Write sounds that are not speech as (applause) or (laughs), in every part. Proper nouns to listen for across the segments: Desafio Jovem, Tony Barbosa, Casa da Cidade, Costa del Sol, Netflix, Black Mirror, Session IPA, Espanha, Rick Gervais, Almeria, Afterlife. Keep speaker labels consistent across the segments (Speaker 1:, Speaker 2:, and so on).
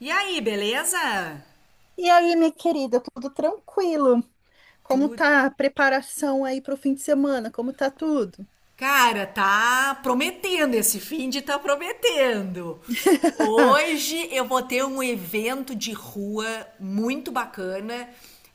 Speaker 1: E aí, beleza?
Speaker 2: E aí, minha querida, tudo tranquilo?
Speaker 1: Tu,
Speaker 2: Como tá a preparação aí para o fim de semana? Como tá tudo?
Speaker 1: cara, tá prometendo esse fim de tá prometendo.
Speaker 2: (laughs)
Speaker 1: Hoje eu vou ter um evento de rua muito bacana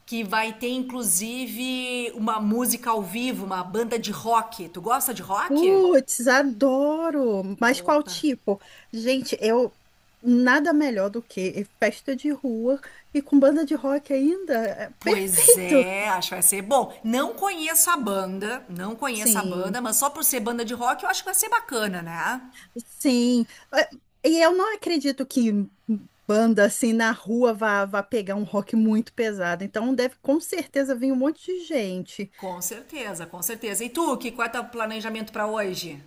Speaker 1: que vai ter inclusive uma música ao vivo, uma banda de rock. Tu gosta de rock?
Speaker 2: Putz, adoro! Mas qual
Speaker 1: Opa.
Speaker 2: tipo? Gente, eu nada melhor do que festa de rua e com banda de rock ainda. É
Speaker 1: Pois
Speaker 2: perfeito!
Speaker 1: é, acho que vai ser bom. Não conheço a banda, não conheço a banda,
Speaker 2: Sim,
Speaker 1: mas só por ser banda de rock eu acho que vai ser bacana, né?
Speaker 2: sim. É, E eu não acredito que banda assim na rua vá pegar um rock muito pesado. Então deve com certeza vir um monte de gente.
Speaker 1: Com certeza, com certeza. E tu, que qual é teu planejamento para hoje?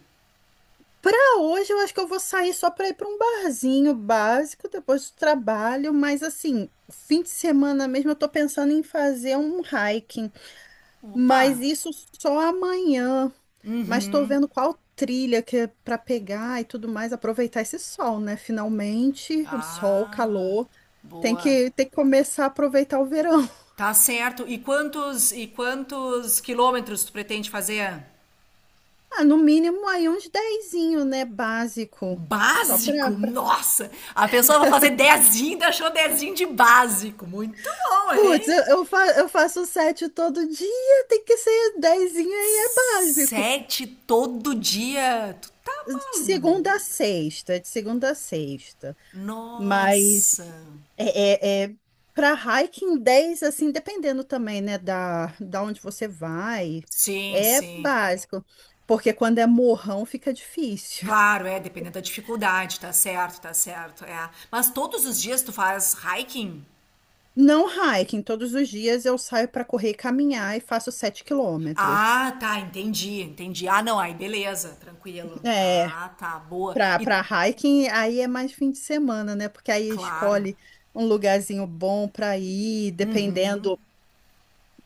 Speaker 2: Pra hoje, eu acho que eu vou sair só pra ir pra um barzinho básico depois do trabalho, mas assim, fim de semana mesmo eu tô pensando em fazer um hiking,
Speaker 1: Opa.
Speaker 2: mas isso só amanhã. Mas tô vendo qual trilha que é pra pegar e tudo mais, aproveitar esse sol, né? Finalmente, sol,
Speaker 1: Ah,
Speaker 2: calor. Tem
Speaker 1: boa.
Speaker 2: que, tem que começar a aproveitar o verão. (laughs)
Speaker 1: Tá certo. E quantos quilômetros tu pretende fazer?
Speaker 2: Ah, no mínimo aí uns dezinho, né? Básico. Só pra.
Speaker 1: Básico? Nossa! A pessoa vai fazer dezinho, ainda achou dezinho de básico. Muito bom,
Speaker 2: Putz,
Speaker 1: hein?
Speaker 2: eu faço 7 todo dia, tem que ser dezinho aí, é básico.
Speaker 1: Sete todo dia. Tu tá
Speaker 2: De segunda a
Speaker 1: maluco?
Speaker 2: sexta, de segunda a sexta. Mas
Speaker 1: Nossa.
Speaker 2: é, é, é para hiking 10 assim, dependendo também, né, da onde você vai,
Speaker 1: Sim,
Speaker 2: é
Speaker 1: sim.
Speaker 2: básico. Porque quando é morrão fica difícil.
Speaker 1: Claro, é, dependendo da dificuldade, tá certo, é. Mas todos os dias tu faz hiking?
Speaker 2: Não hiking, todos os dias eu saio para correr e caminhar e faço 7 quilômetros.
Speaker 1: Ah, tá, entendi, entendi. Ah, não, aí beleza, tranquilo.
Speaker 2: É.
Speaker 1: Ah, tá, boa. E
Speaker 2: Pra hiking, aí é mais fim de semana, né? Porque aí
Speaker 1: claro,
Speaker 2: escolhe um lugarzinho bom pra ir, dependendo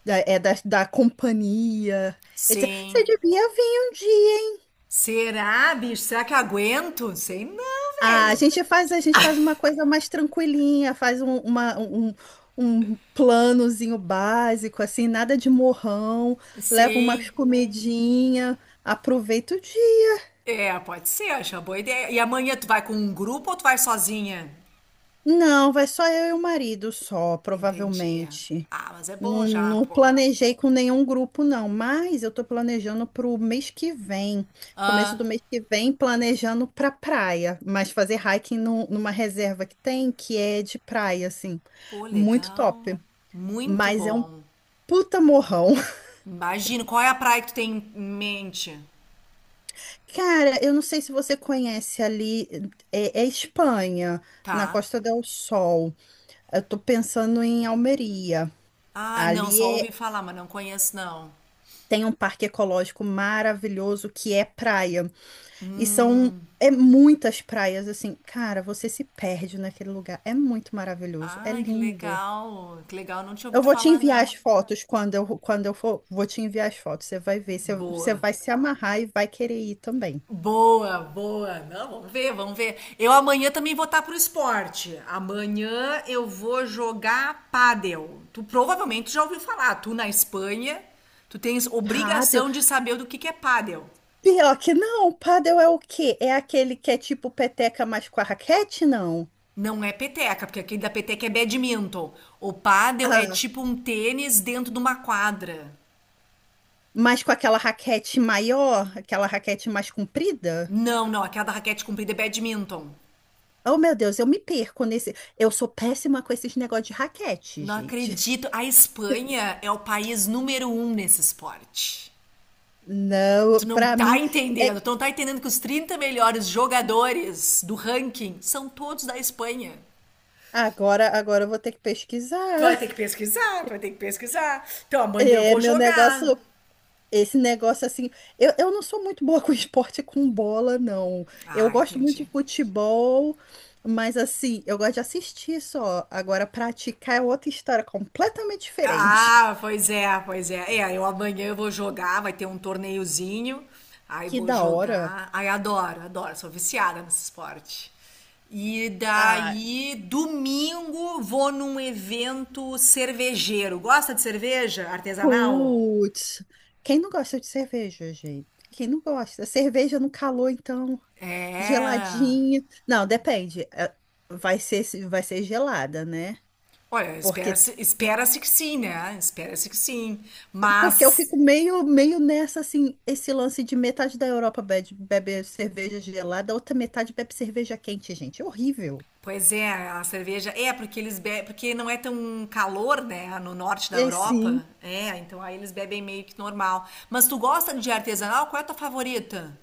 Speaker 2: da companhia, etc.
Speaker 1: sim.
Speaker 2: Você devia vir um dia.
Speaker 1: Será, bicho? Será que eu aguento? Sei não,
Speaker 2: Ah,
Speaker 1: velho.
Speaker 2: a gente faz uma coisa mais tranquilinha, faz um planozinho básico, assim, nada de morrão, leva umas
Speaker 1: Sim.
Speaker 2: comidinha, aproveita o dia.
Speaker 1: É, pode ser, acho uma boa ideia. E amanhã tu vai com um grupo ou tu vai sozinha?
Speaker 2: Não, vai só eu e o marido, só,
Speaker 1: Entendi.
Speaker 2: provavelmente.
Speaker 1: Ah, mas é bom
Speaker 2: Não,
Speaker 1: já,
Speaker 2: não
Speaker 1: pô.
Speaker 2: planejei com nenhum grupo, não, mas eu tô planejando para o mês que vem, começo do
Speaker 1: Ah,
Speaker 2: mês que vem, planejando para praia, mas fazer hiking numa reserva que tem, que é de praia, assim,
Speaker 1: pô,
Speaker 2: muito
Speaker 1: legal.
Speaker 2: top,
Speaker 1: Muito
Speaker 2: mas é um
Speaker 1: bom.
Speaker 2: puta morrão.
Speaker 1: Imagino. Qual é a praia que tu tem em mente?
Speaker 2: (laughs) Cara, eu não sei se você conhece ali, é Espanha, na
Speaker 1: Tá.
Speaker 2: Costa del Sol, eu tô pensando em Almeria,
Speaker 1: Ah, não,
Speaker 2: ali
Speaker 1: só ouvi
Speaker 2: é-
Speaker 1: falar, mas não conheço, não.
Speaker 2: tem um parque ecológico maravilhoso que é praia. E são é muitas praias assim, cara, você se perde naquele lugar. É muito maravilhoso, é
Speaker 1: Ai, que
Speaker 2: lindo.
Speaker 1: legal. Que legal, não tinha
Speaker 2: Eu
Speaker 1: ouvido
Speaker 2: vou te
Speaker 1: falar,
Speaker 2: enviar
Speaker 1: não.
Speaker 2: as fotos quando eu for, vou te enviar as fotos. Você vai ver, você
Speaker 1: Boa.
Speaker 2: vai se amarrar e vai querer ir também.
Speaker 1: Boa, boa. Não, vamos ver, vamos ver. Eu amanhã também vou estar pro esporte. Amanhã eu vou jogar pádel. Tu provavelmente já ouviu falar. Tu na Espanha, tu tens
Speaker 2: Paddle?
Speaker 1: obrigação de saber do que é pádel.
Speaker 2: Pior que não, paddle é o quê? É aquele que é tipo peteca, mas com a raquete, não?
Speaker 1: Não é peteca, porque aquele da peteca é badminton. O pádel é
Speaker 2: Ah,
Speaker 1: tipo um tênis dentro de uma quadra.
Speaker 2: mas com aquela raquete maior, aquela raquete mais comprida?
Speaker 1: Não, não, aquela da raquete comprida é badminton.
Speaker 2: Oh, meu Deus, eu me perco nesse. Eu sou péssima com esses negócios de raquete,
Speaker 1: Não
Speaker 2: gente.
Speaker 1: acredito. A Espanha é o país número um nesse esporte.
Speaker 2: Não,
Speaker 1: Tu não
Speaker 2: para
Speaker 1: tá
Speaker 2: mim é
Speaker 1: entendendo. Tu não tá entendendo que os 30 melhores jogadores do ranking são todos da Espanha.
Speaker 2: agora, agora eu vou ter que
Speaker 1: Tu vai
Speaker 2: pesquisar.
Speaker 1: ter
Speaker 2: (laughs)
Speaker 1: que pesquisar, tu vai ter que pesquisar. Então amanhã eu
Speaker 2: É,
Speaker 1: vou
Speaker 2: meu
Speaker 1: jogar.
Speaker 2: negócio, esse negócio assim, eu não sou muito boa (laughs) com esporte com bola, não. Eu
Speaker 1: Ah,
Speaker 2: gosto muito
Speaker 1: entendi.
Speaker 2: de futebol, mas assim, eu gosto de assistir só. Agora praticar é outra história completamente diferente.
Speaker 1: Ah,
Speaker 2: (laughs)
Speaker 1: pois é, pois é. É, eu amanhã eu vou jogar, vai ter um torneiozinho. Aí
Speaker 2: Que
Speaker 1: vou
Speaker 2: da hora.
Speaker 1: jogar. Ai, adoro, adoro, sou viciada nesse esporte. E
Speaker 2: Ah,
Speaker 1: daí, domingo, vou num evento cervejeiro. Gosta de cerveja artesanal?
Speaker 2: putz. Quem não gosta de cerveja, gente? Quem não gosta? Cerveja no calor, então.
Speaker 1: É.
Speaker 2: Geladinho. Não, depende. Vai ser gelada, né?
Speaker 1: Olha,
Speaker 2: Porque,
Speaker 1: espera-se, espera-se que sim, né? Espera-se que sim.
Speaker 2: porque eu
Speaker 1: Mas.
Speaker 2: fico meio nessa, assim, esse lance de metade da Europa bebe, bebe cerveja gelada, a outra metade bebe cerveja quente, gente. É horrível.
Speaker 1: Pois é, a cerveja é porque eles bebem, porque não é tão calor, né, no norte da
Speaker 2: É sim.
Speaker 1: Europa. É, então aí eles bebem meio que normal. Mas tu gosta de artesanal? Qual é a tua favorita?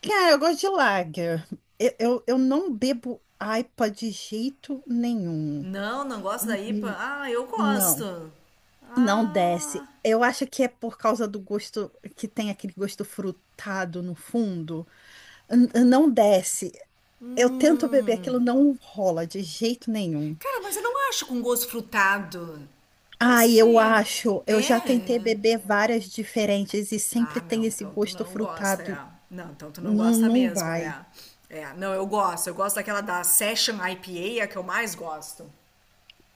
Speaker 2: Cara, eu gosto de lager. Eu não bebo IPA de jeito nenhum.
Speaker 1: Não, não gosto da
Speaker 2: N- n-
Speaker 1: IPA. Ah, eu
Speaker 2: Não,
Speaker 1: gosto.
Speaker 2: não desce.
Speaker 1: Ah,
Speaker 2: Eu acho que é por causa do gosto que tem aquele gosto frutado no fundo. Não desce. Eu tento beber
Speaker 1: hum.
Speaker 2: aquilo, não rola de jeito nenhum.
Speaker 1: Cara, mas eu não acho com gosto frutado. Não
Speaker 2: Ai, eu
Speaker 1: sei.
Speaker 2: acho,
Speaker 1: É.
Speaker 2: eu já tentei
Speaker 1: É.
Speaker 2: beber várias diferentes e
Speaker 1: Ah,
Speaker 2: sempre tem
Speaker 1: não,
Speaker 2: esse
Speaker 1: então tu
Speaker 2: gosto
Speaker 1: não gosta,
Speaker 2: frutado.
Speaker 1: é. Não, então tu não
Speaker 2: Não,
Speaker 1: gosta
Speaker 2: não
Speaker 1: mesmo,
Speaker 2: vai.
Speaker 1: é. É, não, eu gosto. Eu gosto daquela da Session IPA, é a que eu mais gosto.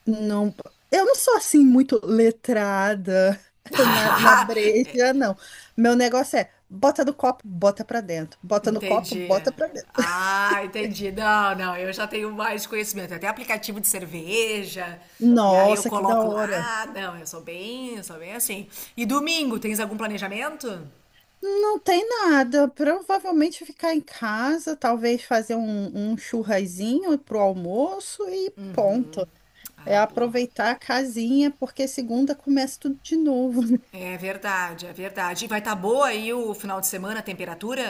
Speaker 2: Não, eu não sou assim muito letrada (laughs) na
Speaker 1: (laughs) É.
Speaker 2: breja, não. Meu negócio é bota no copo, bota pra dentro. Bota no copo,
Speaker 1: Entendi.
Speaker 2: bota pra dentro.
Speaker 1: Ah, entendi. Não, não, eu já tenho mais conhecimento. Até aplicativo de cerveja. E aí eu
Speaker 2: Nossa, que da
Speaker 1: coloco
Speaker 2: hora.
Speaker 1: lá. Não, eu sou bem assim. E domingo, tens algum planejamento?
Speaker 2: Não tem nada. Provavelmente ficar em casa, talvez fazer um churrasinho pro almoço e ponto. É
Speaker 1: Ah, boa.
Speaker 2: aproveitar a casinha, porque segunda começa tudo de novo.
Speaker 1: É verdade, é verdade. E vai estar boa aí o final de semana, a temperatura?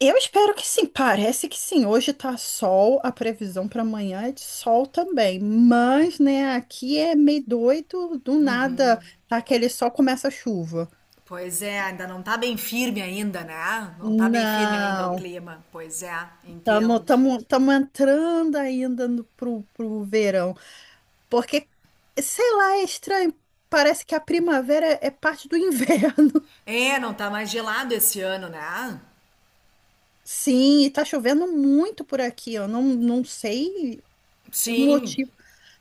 Speaker 2: Eu espero que sim, parece que sim. Hoje tá sol, a previsão para amanhã é de sol também. Mas, né, aqui é meio doido, do nada, tá aquele sol começa a chuva.
Speaker 1: Pois é, ainda não tá bem firme ainda, né? Não tá bem firme ainda o
Speaker 2: Não,
Speaker 1: clima. Pois é, entendo.
Speaker 2: estamos entrando ainda no, pro, pro verão. Porque, sei lá, é estranho. Parece que a primavera é parte do inverno.
Speaker 1: É, não tá mais gelado esse ano, né?
Speaker 2: (laughs) Sim, e tá chovendo muito por aqui. Eu não, não sei o
Speaker 1: Sim,
Speaker 2: motivo.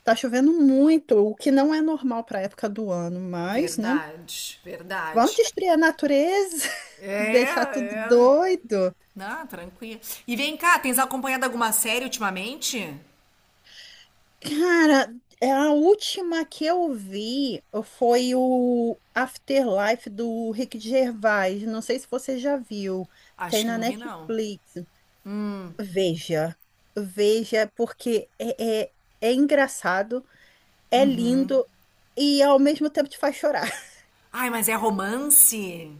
Speaker 2: Tá chovendo muito, o que não é normal para época do ano, mas, né?
Speaker 1: verdade,
Speaker 2: Vamos
Speaker 1: verdade.
Speaker 2: destruir a natureza, (laughs)
Speaker 1: É,
Speaker 2: deixar tudo
Speaker 1: é.
Speaker 2: doido.
Speaker 1: Não, tranquilo. E vem cá, tens acompanhado alguma série ultimamente?
Speaker 2: Cara, é a última que eu vi foi o Afterlife do Rick Gervais. Não sei se você já viu. Tem
Speaker 1: Acho que
Speaker 2: na
Speaker 1: não vi, não.
Speaker 2: Netflix. Veja, veja, porque é engraçado, é lindo e ao mesmo tempo te faz chorar. (laughs)
Speaker 1: Ai, mas é romance?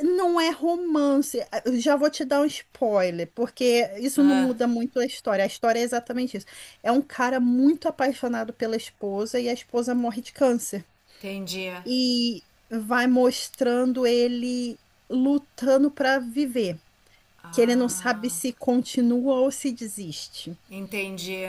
Speaker 2: Não é romance. Ah, eu já vou te dar um spoiler, porque isso não muda muito a história. A história é exatamente isso. É um cara muito apaixonado pela esposa e a esposa morre de câncer.
Speaker 1: Entendi.
Speaker 2: E vai mostrando ele lutando para viver, que ele não sabe
Speaker 1: Ah,
Speaker 2: se continua ou se desiste.
Speaker 1: entendi.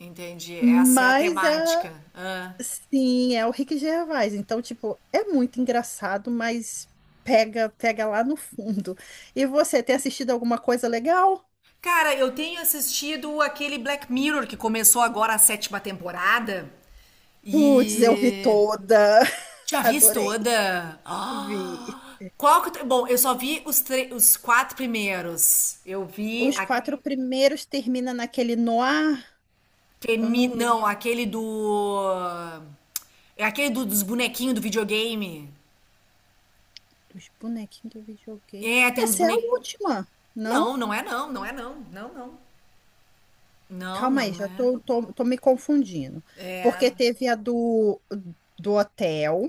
Speaker 1: Entendi. Essa é a
Speaker 2: Mas é.
Speaker 1: temática. Ah.
Speaker 2: Sim, é o Rick Gervais. Então, tipo, é muito engraçado, mas pega lá no fundo. E você, tem assistido alguma coisa legal?
Speaker 1: Cara, eu tenho assistido aquele Black Mirror que começou agora a sétima temporada
Speaker 2: Putz, eu vi
Speaker 1: e
Speaker 2: toda.
Speaker 1: já
Speaker 2: (laughs)
Speaker 1: vi
Speaker 2: Adorei.
Speaker 1: toda. (gasps)
Speaker 2: Vi.
Speaker 1: Ah! Qual que... eu- te- Bom, eu só vi os quatro primeiros. Eu vi
Speaker 2: Os
Speaker 1: aquele.
Speaker 2: quatro primeiros termina naquele noir. Eu não
Speaker 1: Não,
Speaker 2: lembro
Speaker 1: É aquele dos bonequinhos do videogame.
Speaker 2: dos bonequinhos do videogame.
Speaker 1: É, tem uns
Speaker 2: Essa é a
Speaker 1: bonequinhos.
Speaker 2: última, não?
Speaker 1: Não, não é não, não é não. Não, não. Não,
Speaker 2: Calma aí,
Speaker 1: não
Speaker 2: já
Speaker 1: é.
Speaker 2: tô, tô, tô me confundindo.
Speaker 1: É.
Speaker 2: Porque teve do hotel.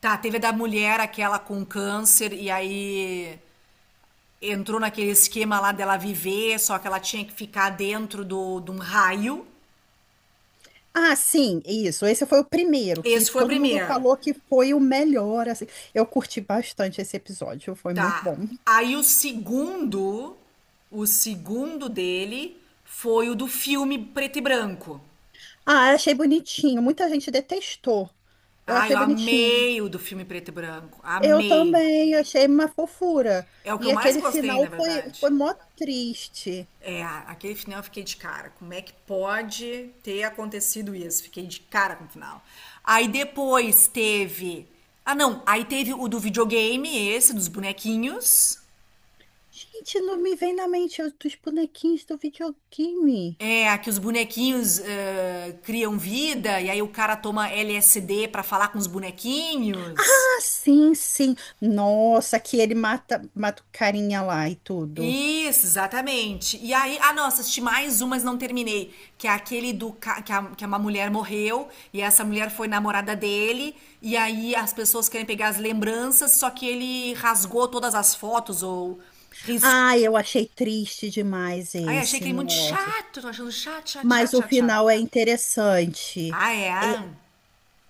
Speaker 1: Tá, teve a da mulher, aquela com câncer, e aí entrou naquele esquema lá dela viver, só que ela tinha que ficar dentro de um raio.
Speaker 2: Ah, sim, isso. Esse foi o primeiro que
Speaker 1: Esse foi o
Speaker 2: todo mundo
Speaker 1: primeiro.
Speaker 2: falou que foi o melhor, assim. Eu curti bastante esse episódio, foi muito
Speaker 1: Tá.
Speaker 2: bom.
Speaker 1: Aí o segundo, dele foi o do filme preto e branco.
Speaker 2: Ah, eu achei bonitinho. Muita gente detestou. Eu
Speaker 1: Ah,
Speaker 2: achei
Speaker 1: eu
Speaker 2: bonitinho.
Speaker 1: amei o do filme preto e branco.
Speaker 2: Eu
Speaker 1: Amei.
Speaker 2: também achei uma fofura.
Speaker 1: É o que
Speaker 2: E
Speaker 1: eu mais
Speaker 2: aquele
Speaker 1: gostei, na
Speaker 2: final
Speaker 1: verdade.
Speaker 2: foi mó triste.
Speaker 1: É, aquele final eu fiquei de cara. Como é que pode ter acontecido isso? Fiquei de cara com o final. Aí depois teve. Ah, não. Aí teve o do videogame, esse, dos bonequinhos.
Speaker 2: Gente, não me vem na mente os dos bonequinhos do videogame.
Speaker 1: É, que os bonequinhos criam vida, e aí o cara toma LSD pra falar com os bonequinhos.
Speaker 2: Ah, sim, sim. Nossa, que ele mata o carinha lá e tudo.
Speaker 1: Isso, exatamente. E aí, ah, nossa, assisti mais um, mas não terminei. Que é aquele do ca- que, a- que uma mulher morreu e essa mulher foi namorada dele. E aí as pessoas querem pegar as lembranças, só que ele rasgou todas as fotos ou riscou.
Speaker 2: Ai, eu achei triste demais
Speaker 1: Ai, achei que
Speaker 2: esse,
Speaker 1: ele muito
Speaker 2: nossa.
Speaker 1: chato, tô achando chato, chato,
Speaker 2: Mas
Speaker 1: chato,
Speaker 2: o
Speaker 1: chato, chato.
Speaker 2: final é interessante.
Speaker 1: Ah,
Speaker 2: É,
Speaker 1: é?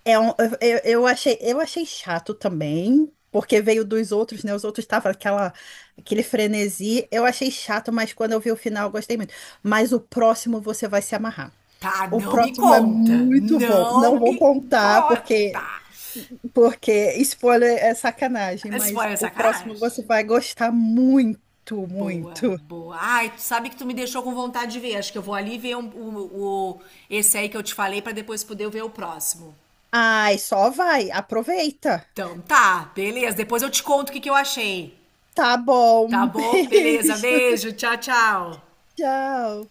Speaker 2: é um- eu achei chato também, porque veio dos outros, né? Os outros estavam aquela, aquele frenesi. Eu achei chato, mas quando eu vi o final, eu gostei muito. Mas o próximo você vai se amarrar.
Speaker 1: Tá,
Speaker 2: O
Speaker 1: não me
Speaker 2: próximo é
Speaker 1: conta.
Speaker 2: muito bom. Não
Speaker 1: Não
Speaker 2: vou
Speaker 1: me
Speaker 2: contar,
Speaker 1: conta.
Speaker 2: porque spoiler é sacanagem, mas
Speaker 1: Spoiler
Speaker 2: o
Speaker 1: sacanagem.
Speaker 2: próximo você vai gostar muito,
Speaker 1: Boa,
Speaker 2: muito.
Speaker 1: boa. Ai, tu sabe que tu me deixou com vontade de ver. Acho que eu vou ali ver esse aí que eu te falei pra depois poder ver o próximo.
Speaker 2: Ai, só vai, aproveita.
Speaker 1: Então tá, beleza. Depois eu te conto o que que eu achei.
Speaker 2: Tá
Speaker 1: Tá
Speaker 2: bom, (laughs)
Speaker 1: bom? Beleza,
Speaker 2: beijo,
Speaker 1: beijo, tchau, tchau.
Speaker 2: tchau.